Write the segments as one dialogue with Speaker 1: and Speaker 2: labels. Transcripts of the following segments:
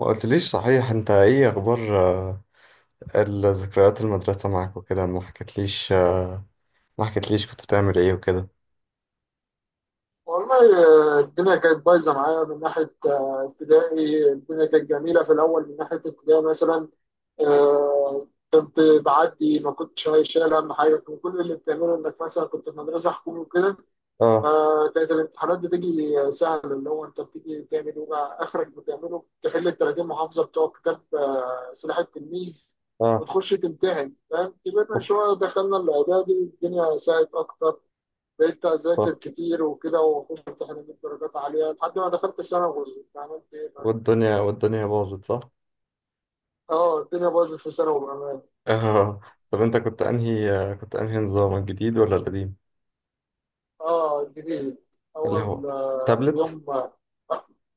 Speaker 1: ما قلتليش صحيح، انت ايه اخبار؟ الذكريات المدرسة معاك وكده، ما حكيتليش. ما حكيتليش كنت بتعمل ايه وكده.
Speaker 2: والله. الدنيا كانت بايظه معايا من ناحيه ابتدائي. الدنيا كانت جميله في الاول من ناحيه ابتدائي مثلا. آه، كنت بعدي ما كنتش شايل هم حاجه، كان كل اللي بتعمله انك مثلا كنت في مدرسه حكومي وكده،
Speaker 1: اه.
Speaker 2: فكانت الامتحانات بتيجي سهله، اللي هو انت بتيجي تعمل ايه بقى، اخرك بتعمله تحل ال 30 محافظه بتوع كتاب سلاح التلميذ
Speaker 1: اه.
Speaker 2: وتخش تمتحن، فاهم؟ كبرنا
Speaker 1: اخ.
Speaker 2: شويه دخلنا الاعدادي، الدنيا ساعت اكتر، بقيت
Speaker 1: اخ.
Speaker 2: اذاكر كتير وكده، وفي امتحانات جبت درجات عاليه لحد ما دخلت ثانوي. يعني عملت ايه بقى؟
Speaker 1: والدنيا باظت، صح.
Speaker 2: اه الدنيا باظت في ثانوي بامان.
Speaker 1: اه. طب انت كنت انهي، كنت انهي نظام، الجديد ولا القديم؟
Speaker 2: اه جديد.
Speaker 1: اللي
Speaker 2: اول
Speaker 1: هو تابلت.
Speaker 2: يوم.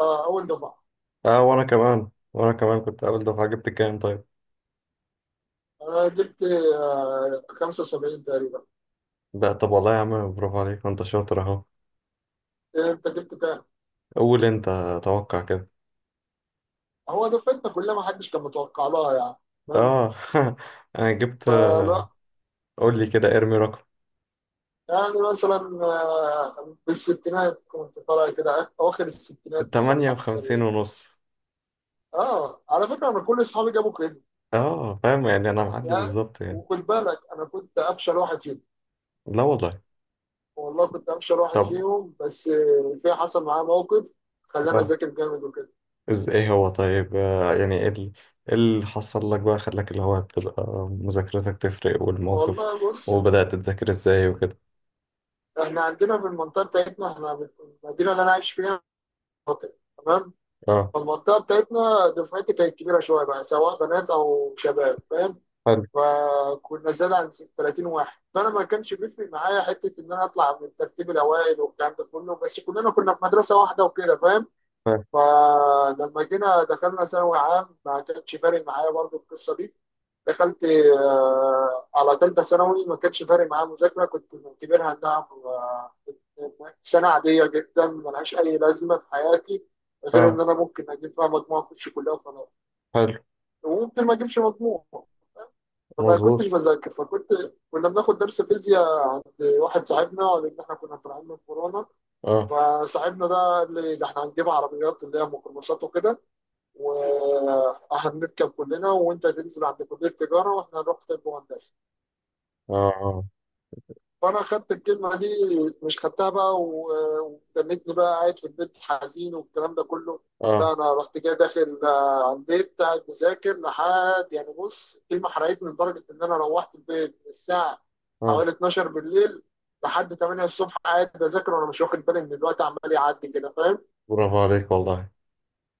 Speaker 2: اه اول دفعه.
Speaker 1: اه، وانا كمان كنت اول دفعة. جبت كام طيب؟
Speaker 2: انا جبت آه 75 تقريبا.
Speaker 1: لا طب والله يا عم برافو عليك، ما انت شاطر اهو.
Speaker 2: إيه انت جبت كام؟
Speaker 1: قول انت، توقع كده.
Speaker 2: هو دفعتنا كلها ما حدش كان متوقع لها يعني. فاهم؟
Speaker 1: اه. انا جبت.
Speaker 2: فلا.
Speaker 1: قول لي كده، ارمي رقم.
Speaker 2: يعني مثلا بالستينات كنت طالع كده، اواخر الستينات مثلا لحد
Speaker 1: 58
Speaker 2: السبعين.
Speaker 1: ونص.
Speaker 2: اه على فكره انا كل اصحابي جابوا كده.
Speaker 1: اه، فاهم يعني، انا معدي
Speaker 2: يا،
Speaker 1: بالظبط يعني.
Speaker 2: وخد بالك انا كنت افشل واحد فيهم.
Speaker 1: لا والله.
Speaker 2: والله كنت افشل واحد
Speaker 1: طب.
Speaker 2: فيهم. بس في حصل معايا موقف خلاني
Speaker 1: اه.
Speaker 2: اذاكر جامد وكده.
Speaker 1: ايه هو طيب؟ آه، يعني ايه إيه اللي حصل لك بقى، خلاك اللي هو تبقى مذاكرتك تفرق، والموقف،
Speaker 2: والله بص،
Speaker 1: وبدأت تذاكر ازاي وكده؟
Speaker 2: احنا عندنا في المنطقه بتاعتنا، احنا في المدينه اللي انا عايش فيها، تمام؟
Speaker 1: اه.
Speaker 2: فالمنطقه بتاعتنا دفعتي كانت كبيره شويه بقى، سواء بنات او شباب، فاهم؟
Speaker 1: حلو.
Speaker 2: فكنا زاد عن 30 واحد، فانا ما كانش بيفرق معايا حته ان انا اطلع من الترتيب الاوائل والكلام ده كله، بس كلنا كنا في مدرسه واحده وكده، فاهم؟
Speaker 1: حلو.
Speaker 2: فلما جينا دخلنا ثانوي عام ما كانش فارق معايا برضو القصه دي. دخلت على ثالثه ثانوي، ما كانش فارق معايا مذاكره، كنت معتبرها انها سنه عاديه جدا ملهاش اي لازمه في حياتي، غير ان
Speaker 1: اه.
Speaker 2: انا ممكن اجيب فيها مجموعه اخش كلها وخلاص،
Speaker 1: حلو.
Speaker 2: وممكن ما اجيبش مجموع. فما كنتش
Speaker 1: مظبوط.
Speaker 2: بذاكر، فكنت، كنا بناخد درس فيزياء عند واحد صاحبنا، لان احنا كنا طالعين من كورونا،
Speaker 1: اه.
Speaker 2: فصاحبنا ده قال لي ده احنا هنجيب عربيات اللي هي ميكروباصات وكده، وهنركب كلنا وانت تنزل عند كليه التجاره واحنا هنروح طب وهندسه.
Speaker 1: اه. اه.
Speaker 2: فانا خدت الكلمه دي، مش خدتها بقى وتنتني بقى قاعد في البيت حزين والكلام ده كله، لا
Speaker 1: اه.
Speaker 2: انا رحت جاي داخل على البيت قاعد مذاكر لحد يعني. بص الكلمه حرقتني لدرجه ان انا روحت البيت من الساعه
Speaker 1: اه.
Speaker 2: حوالي 12 بالليل لحد 8 الصبح قاعد بذاكر، وانا مش واخد بالي ان الوقت عمال يعدي كده، فاهم؟
Speaker 1: برافو عليك والله،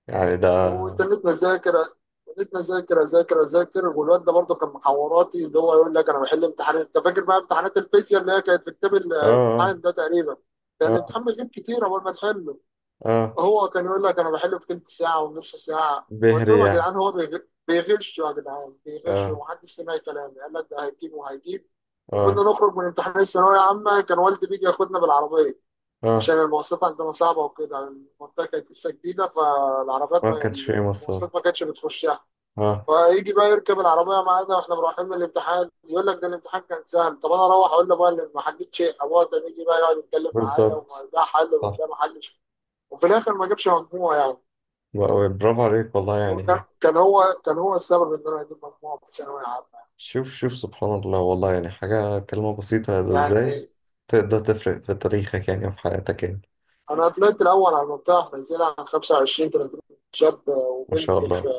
Speaker 1: يعني ده اه.
Speaker 2: وتنيت نذاكر، تنيت نذاكر اذاكر اذاكر، والواد ده برضه كان محوراتي، اللي هو يقول لك انا بحل امتحانات، انت فاكر بقى امتحانات الفيزياء اللي هي كانت في كتاب
Speaker 1: اه.
Speaker 2: الامتحان ده تقريبا، كان
Speaker 1: اه.
Speaker 2: الامتحان بيجيب كتير اول ما تحله،
Speaker 1: اه.
Speaker 2: هو كان يقول لك انا بحله في تلت ساعه ونص ساعه. قلت
Speaker 1: بهري
Speaker 2: لهم يا
Speaker 1: يعني.
Speaker 2: جدعان هو بيغش يا جدعان، بيغش،
Speaker 1: اه.
Speaker 2: ومحدش سمع كلامي، قال لك ده هيجيب وهيجيب. وكنا
Speaker 1: اه.
Speaker 2: نخرج من امتحان الثانويه عامه، كان والدي بيجي ياخدنا بالعربيه،
Speaker 1: اه.
Speaker 2: عشان المواصلات عندنا صعبة وكده، المنطقة كانت لسه جديدة، فالعربيات
Speaker 1: ما
Speaker 2: ما،
Speaker 1: كانش فيه مصاري.
Speaker 2: المواصلات ما كانتش بتخشها.
Speaker 1: اه.
Speaker 2: فيجي بقى يركب العربية معانا واحنا رايحين من الامتحان، يقول لك ده الامتحان كان سهل، طب انا اروح اقول لابويا اللي ما حلتش شيء؟ ابويا كان يجي بقى يقعد يتكلم معايا
Speaker 1: بالظبط.
Speaker 2: وده حل
Speaker 1: صح.
Speaker 2: وده ما حلش. وفي الاخر ما جابش مجموع يعني.
Speaker 1: برافو عليك والله
Speaker 2: وكان
Speaker 1: يعني.
Speaker 2: كان هو، كان هو السبب ان انا اجيب مجموع في ثانوية عامة
Speaker 1: شوف شوف، سبحان الله والله، يعني حاجة، كلمة بسيطة
Speaker 2: يعني.
Speaker 1: ازاي تقدر تفرق في تاريخك يعني، وفي حياتك يعني.
Speaker 2: انا طلعت الاول على المنطقة، احنا نزلنا عن 25 30 شاب
Speaker 1: ما شاء
Speaker 2: وبنت في
Speaker 1: الله.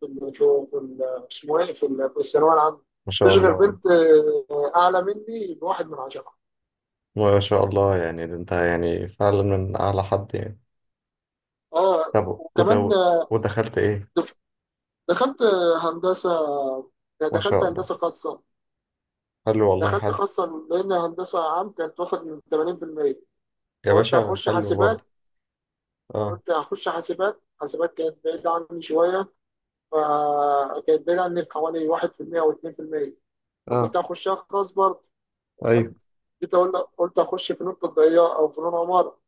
Speaker 2: اسمه ايه، في في الثانويه العامه.
Speaker 1: ما شاء
Speaker 2: تشغل
Speaker 1: الله.
Speaker 2: بنت اعلى مني بواحد من عشرة.
Speaker 1: ما شاء الله، يعني ده انت يعني فعلا من أعلى حد يعني.
Speaker 2: اه
Speaker 1: طب
Speaker 2: وكمان
Speaker 1: وده، ودخلت ايه؟
Speaker 2: دف- دخلت هندسه.
Speaker 1: ما
Speaker 2: دخلت
Speaker 1: شاء الله.
Speaker 2: هندسه خاصه.
Speaker 1: حلو والله،
Speaker 2: دخلت
Speaker 1: حلو.
Speaker 2: خاصه لان هندسه عام كانت واخد من 80%،
Speaker 1: يا
Speaker 2: وقلت
Speaker 1: باشا،
Speaker 2: هخش
Speaker 1: حلو
Speaker 2: حاسبات.
Speaker 1: برضه. اه.
Speaker 2: قلت هخش حاسبات، حاسبات كانت بعيده عني شويه، فكانت بعيده عني بحوالي 1% او 2%،
Speaker 1: اه.
Speaker 2: فكنت هخشها خاص برضه.
Speaker 1: ايوه.
Speaker 2: تمام؟ جيت اقول، قلت اخش فنون تطبيقيه او فنون عمارة.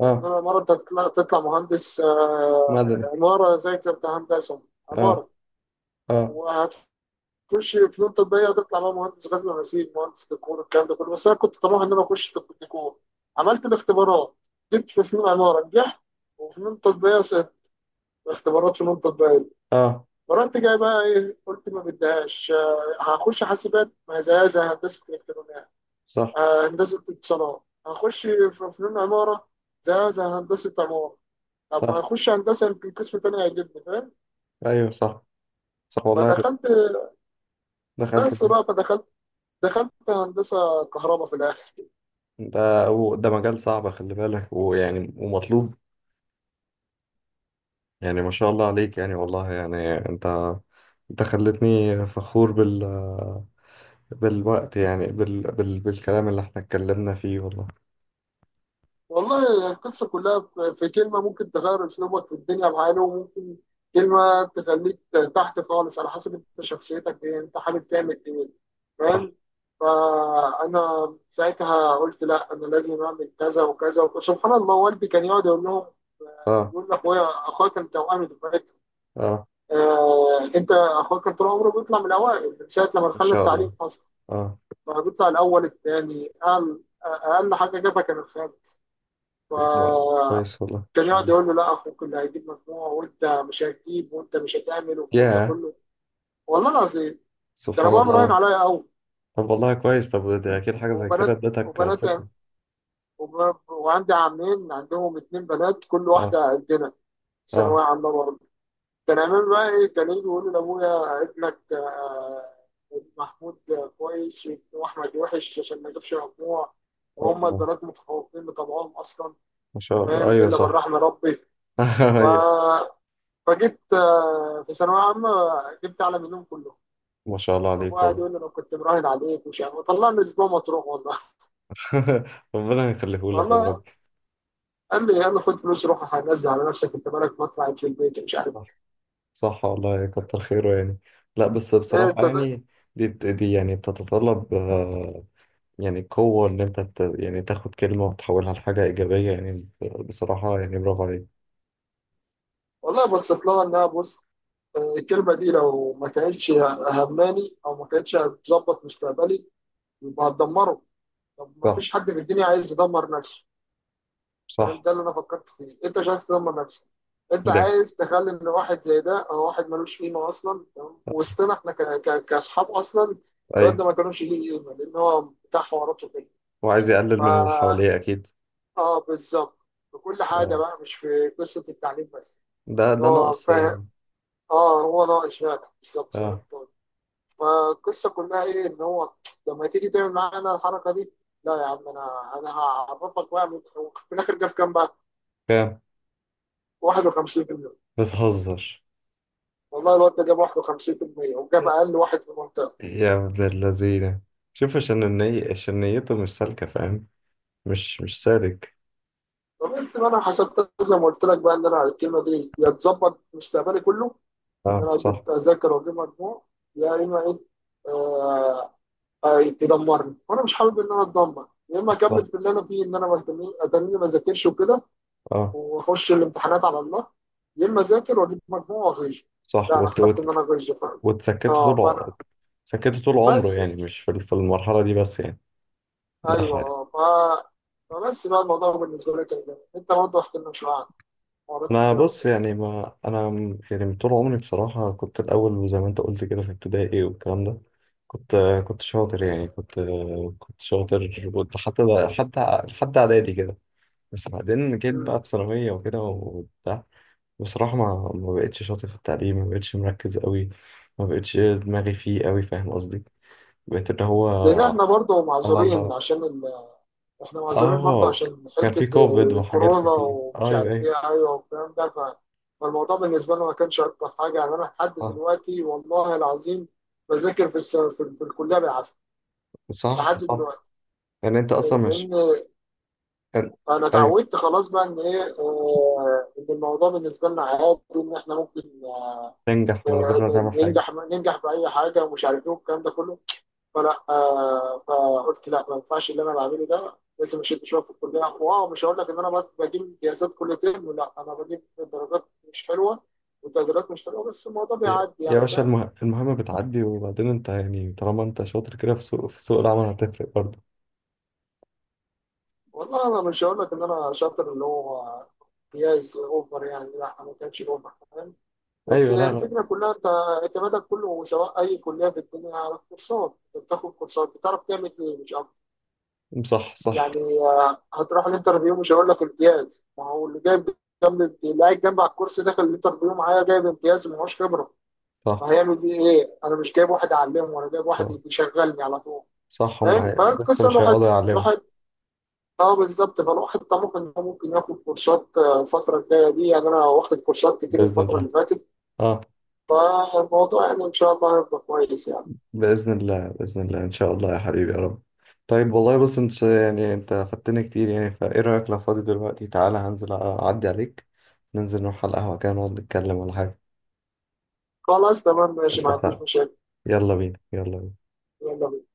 Speaker 1: اه.
Speaker 2: مرة أنت تطلع مهندس
Speaker 1: مدني.
Speaker 2: عمارة، ذاكر أنت هندسة
Speaker 1: اه.
Speaker 2: عمارة،
Speaker 1: اه.
Speaker 2: وهتخش فنون تطبيقية هتطلع بقى مهندس غزل ونسيج، مهندس ديكور، الكلام ده كله، بس أنا كنت طموح إن أنا أخش طب ديكور. عملت الاختبارات، جبت في فنون عمارة نجحت، وفنون تطبيقية سقطت. اختبارات فنون تطبيقية.
Speaker 1: اه.
Speaker 2: فرحت جاي بقى إيه، قلت ما بديهاش هخش حاسبات ما زيها زي هندسة إلكترونيات،
Speaker 1: صح.
Speaker 2: هندسة اتصالات. هخش في فنون عمارة زيها زي هندسة عمارة، طب ما
Speaker 1: صح.
Speaker 2: اخش هندسه يمكن قسم تاني هيجيبني، فاهم؟
Speaker 1: ايوه. صح. صح والله.
Speaker 2: فدخلت،
Speaker 1: دخلت.
Speaker 2: بس بقى فدخلت، دخلت هندسه كهرباء في الاخر.
Speaker 1: ده ده مجال صعب، خلي بالك، ويعني ومطلوب، يعني ما شاء الله عليك، يعني والله يعني انت، انت خلتني فخور بال، بالوقت يعني، بالكلام اللي احنا اتكلمنا فيه والله.
Speaker 2: والله القصه كلها في في كلمه ممكن تغير اسلوبك في الدنيا معانا، وممكن كلمه تخليك تحت خالص، على حسب انت شخصيتك ايه، انت حابب تعمل ايه.
Speaker 1: صح.
Speaker 2: فاهم؟ فانا ساعتها قلت لا انا لازم اعمل كذا وكذا. وسبحان الله والدي كان يقعد يقول لهم،
Speaker 1: اه.
Speaker 2: يقول لاخويا، اخويا كان توأمي دفعتي،
Speaker 1: اه.
Speaker 2: آه انت اخوك كان طول عمره بيطلع من الاوائل من ساعه لما
Speaker 1: ان
Speaker 2: دخل
Speaker 1: شاء
Speaker 2: التعليم
Speaker 1: الله.
Speaker 2: اصلا،
Speaker 1: اه.
Speaker 2: فبيطلع الاول الثاني، اقل حاجه جابها كان الخامس. ف
Speaker 1: كويس والله، ان
Speaker 2: كان
Speaker 1: شاء
Speaker 2: يقعد
Speaker 1: الله.
Speaker 2: يقول له لا اخوك اللي هيجيب مجموع، وانت مش هتجيب وانت مش هتعمل والكلام ده
Speaker 1: ياه.
Speaker 2: كله. والله العظيم كان
Speaker 1: سبحان
Speaker 2: ابويا مراهن
Speaker 1: الله.
Speaker 2: عليا قوي.
Speaker 1: طب والله كويس، طب ده اكيد حاجة زي كده
Speaker 2: وبنات
Speaker 1: ادتك
Speaker 2: وبنات
Speaker 1: ثقة.
Speaker 2: وعندي عمين عندهم اتنين بنات كل
Speaker 1: اه.
Speaker 2: واحده قدنا، ثانويه
Speaker 1: اه.
Speaker 2: عامه برضه. كان عامل بقى ايه، كان يجي يقول لابويا ابنك محمود كويس، واحمد وحش عشان ما يجيبش مجموع، وهم
Speaker 1: اه.
Speaker 2: البنات متفوقين بطبعهم اصلا،
Speaker 1: ما شاء الله،
Speaker 2: فاهم؟
Speaker 1: ايوه
Speaker 2: الا من
Speaker 1: صح.
Speaker 2: رحم ربي. ف...
Speaker 1: ايوه.
Speaker 2: فجبت في ثانويه عامه، جبت اعلى منهم كلهم.
Speaker 1: ما شاء الله
Speaker 2: فابويا
Speaker 1: عليك
Speaker 2: قاعد
Speaker 1: والله.
Speaker 2: يقول لي انا كنت مراهن عليك ومش عارف، وطلعني اسبوع مطروح والله.
Speaker 1: ربنا يخليهولك يا
Speaker 2: والله
Speaker 1: رب.
Speaker 2: قال لي يلا خد فلوس روح هنزل على نفسك، انت مالك ما طلعت، في البيت مش عارف.
Speaker 1: صح. صح والله، كتر خيره يعني. لا بس
Speaker 2: إيه انت
Speaker 1: بصراحة
Speaker 2: ده؟
Speaker 1: يعني، دي يعني بتتطلب آه، يعني قوة إن أنت يعني تاخد كلمة وتحولها لحاجة إيجابية يعني. بصراحة يعني برافو عليك.
Speaker 2: والله بصيت لها انها، بص، الكلمة دي لو ما كانتش هماني أو ما كانتش هتظبط مستقبلي يبقى هتدمره، طب ما
Speaker 1: صح.
Speaker 2: فيش حد في الدنيا عايز يدمر نفسه.
Speaker 1: صح.
Speaker 2: فاهم؟ ده اللي أنا فكرت فيه، أنت مش عايز تدمر نفسك، أنت
Speaker 1: ده.
Speaker 2: عايز تخلي إن واحد زي ده أو واحد ملوش قيمة أصلا، تمام؟ وسطنا إحنا كأصحاب أصلا. الواد
Speaker 1: أيوه.
Speaker 2: ده ما كانوش ليه قيمة لأن هو بتاع حواراته كده.
Speaker 1: وعايز
Speaker 2: فا
Speaker 1: يقلل من اللي حواليه أكيد.
Speaker 2: آه بالظبط، في كل حاجة
Speaker 1: آه.
Speaker 2: بقى مش في قصة التعليم بس،
Speaker 1: ده
Speaker 2: إن
Speaker 1: ده
Speaker 2: هو
Speaker 1: نقص
Speaker 2: فاهم.
Speaker 1: يعني.
Speaker 2: آه هو ناقص فعلا بالظبط زي ما أنت
Speaker 1: أه.
Speaker 2: قلت. فالقصه كلها ايه، ان هو لما تيجي تعمل معانا الحركه دي، لا يا عم انا انا هعرفك بقى في الاخر جاب كام بقى؟
Speaker 1: كام؟
Speaker 2: 51%.
Speaker 1: بتهزر.
Speaker 2: والله الواد ده جاب 51% وجاب اقل واحد في المنطقه.
Speaker 1: يا ابن اللذينة. شوف، عشان النية، عشان نيته مش سالكة، فاهم؟ مش سالك.
Speaker 2: فبس بقى انا حسبت زي ما قلت لك بقى، ان انا الكلمه دي يا تظبط مستقبلي كله، ان
Speaker 1: أه
Speaker 2: انا
Speaker 1: صح.
Speaker 2: اجيب اذاكر واجيب مجموع، يا اما ايه، آه تدمرني وانا مش حابب ان انا اتدمر. يا اما
Speaker 1: صح.
Speaker 2: اكمل في اللي انا فيه، ان انا ما اتني ما اذاكرش وكده
Speaker 1: أه
Speaker 2: واخش الامتحانات على الله. يا اما اذاكر واجيب مجموع واغش.
Speaker 1: صح.
Speaker 2: لا انا اخترت ان انا اغش فعلا.
Speaker 1: وتسكته
Speaker 2: اه
Speaker 1: طول
Speaker 2: فانا،
Speaker 1: سكته طول عمره
Speaker 2: بس،
Speaker 1: يعني، مش في في المرحلة دي بس يعني. ده
Speaker 2: ايوه
Speaker 1: حقيقي.
Speaker 2: اه فبس بقى، الموضوع بالنسبه لك كده، انت برضه احكي لنا شويه عن حوارات
Speaker 1: أنا
Speaker 2: الثانوي
Speaker 1: بص
Speaker 2: وكده.
Speaker 1: يعني، ما أنا م- يعني من طول عمري بصراحة، كنت الأول زي ما أنت قلت كده في ابتدائي والكلام ده. كنت كنت شاطر يعني، كنت شاطر، كنت حتى ده، حتى حتى إعدادي كده. بس بعدين جيت بقى
Speaker 2: مم.
Speaker 1: في ثانوية وكده وبتاع. بصراحة، ما بقتش شاطر في التعليم، ما بقتش مركز قوي، ما بقتش دماغي فيه قوي، فاهم قصدي؟ بقيت اللي
Speaker 2: لان
Speaker 1: هو،
Speaker 2: احنا برضه
Speaker 1: على
Speaker 2: معذورين
Speaker 1: الله.
Speaker 2: عشان احنا معذورين برضه
Speaker 1: اه،
Speaker 2: عشان
Speaker 1: كان في
Speaker 2: حته
Speaker 1: كوفيد وحاجات
Speaker 2: الكورونا
Speaker 1: كتير.
Speaker 2: ومش
Speaker 1: ايوه
Speaker 2: عارف
Speaker 1: ايوه.
Speaker 2: ايه ايوه والكلام ده فالموضوع بالنسبه لنا ما كانش اكتر حاجه يعني. انا لحد
Speaker 1: صح.
Speaker 2: دلوقتي والله العظيم بذاكر في في الكليه بالعافيه
Speaker 1: صح.
Speaker 2: لحد
Speaker 1: صح.
Speaker 2: دلوقتي.
Speaker 1: يعني انت اصلا مش
Speaker 2: لان
Speaker 1: كان.
Speaker 2: انا
Speaker 1: ايوه،
Speaker 2: اتعودت خلاص بقى ان ايه، ان الموضوع بالنسبه لنا عادي، ان احنا ممكن
Speaker 1: تنجح من غير
Speaker 2: آه،
Speaker 1: ما تعمل حاجه.
Speaker 2: ننجح، ننجح باي حاجه ومش عارف ايه والكلام ده كله. فلا فقلت لا ما ينفعش اللي انا بعمله ده، لازم اشد شويه في الكليه. واو مش هقول لك ان انا بجيب امتيازات كل ترم، لا انا بجيب درجات مش حلوه وتقديرات مش حلوه، بس الموضوع
Speaker 1: يا
Speaker 2: بيعدي
Speaker 1: يا
Speaker 2: يعني،
Speaker 1: باشا،
Speaker 2: فاهم؟
Speaker 1: المهمه بتعدي، وبعدين انت يعني طالما انت شاطر كده، في سوق في سوق العمل هتفرق برضه.
Speaker 2: والله انا مش هقول لك ان انا شاطر اللي هو امتياز اوفر يعني، لا ما كانش اوفر، فاهم. بس
Speaker 1: ايوه.
Speaker 2: يعني
Speaker 1: لا لا.
Speaker 2: الفكرة كلها، أنت اعتمادك كله سواء أي كلية في الدنيا على الكورسات، أنت بتاخد كورسات بتعرف تعمل إيه مش أكتر،
Speaker 1: صح. صح.
Speaker 2: يعني هتروح الانترفيو مش هقول لك امتياز، ما هو اللي جايب، اللي قاعد جنب على الكورس داخل الانترفيو معايا جايب امتياز ومعهوش خبرة،
Speaker 1: صح.
Speaker 2: فهيعمل بيه إيه؟ أنا مش جايب واحد أعلمه، أنا جايب واحد
Speaker 1: صح،
Speaker 2: يشغلني على طول،
Speaker 1: صح. هم
Speaker 2: فاهم؟
Speaker 1: لسه
Speaker 2: فالقصة
Speaker 1: مش
Speaker 2: الواحد،
Speaker 1: هيقعدوا يعلموا.
Speaker 2: الواحد، اه بالظبط، فالواحد طموح ان هو ممكن ياخد كورسات الفترة الجاية دي، يعني انا واخد كورسات كتير
Speaker 1: باذن
Speaker 2: الفترة اللي
Speaker 1: الله.
Speaker 2: فاتت.
Speaker 1: اه.
Speaker 2: فالموضوع يعني ان شاء الله هيبقى كويس يعني.
Speaker 1: بإذن الله، بإذن الله، إن شاء الله يا حبيبي يا رب. طيب والله، بص أنت يعني، أنت فدتني كتير يعني، فإيه رأيك لو فاضي دلوقتي؟ تعالى هنزل، أعدي عليك، ننزل نروح على القهوة كده، نقعد نتكلم ولا حاجة.
Speaker 2: خلاص تمام ماشي ما عنديش
Speaker 1: اتفقنا.
Speaker 2: مشاكل.
Speaker 1: يلا بينا، يلا بينا.
Speaker 2: يلا بينا.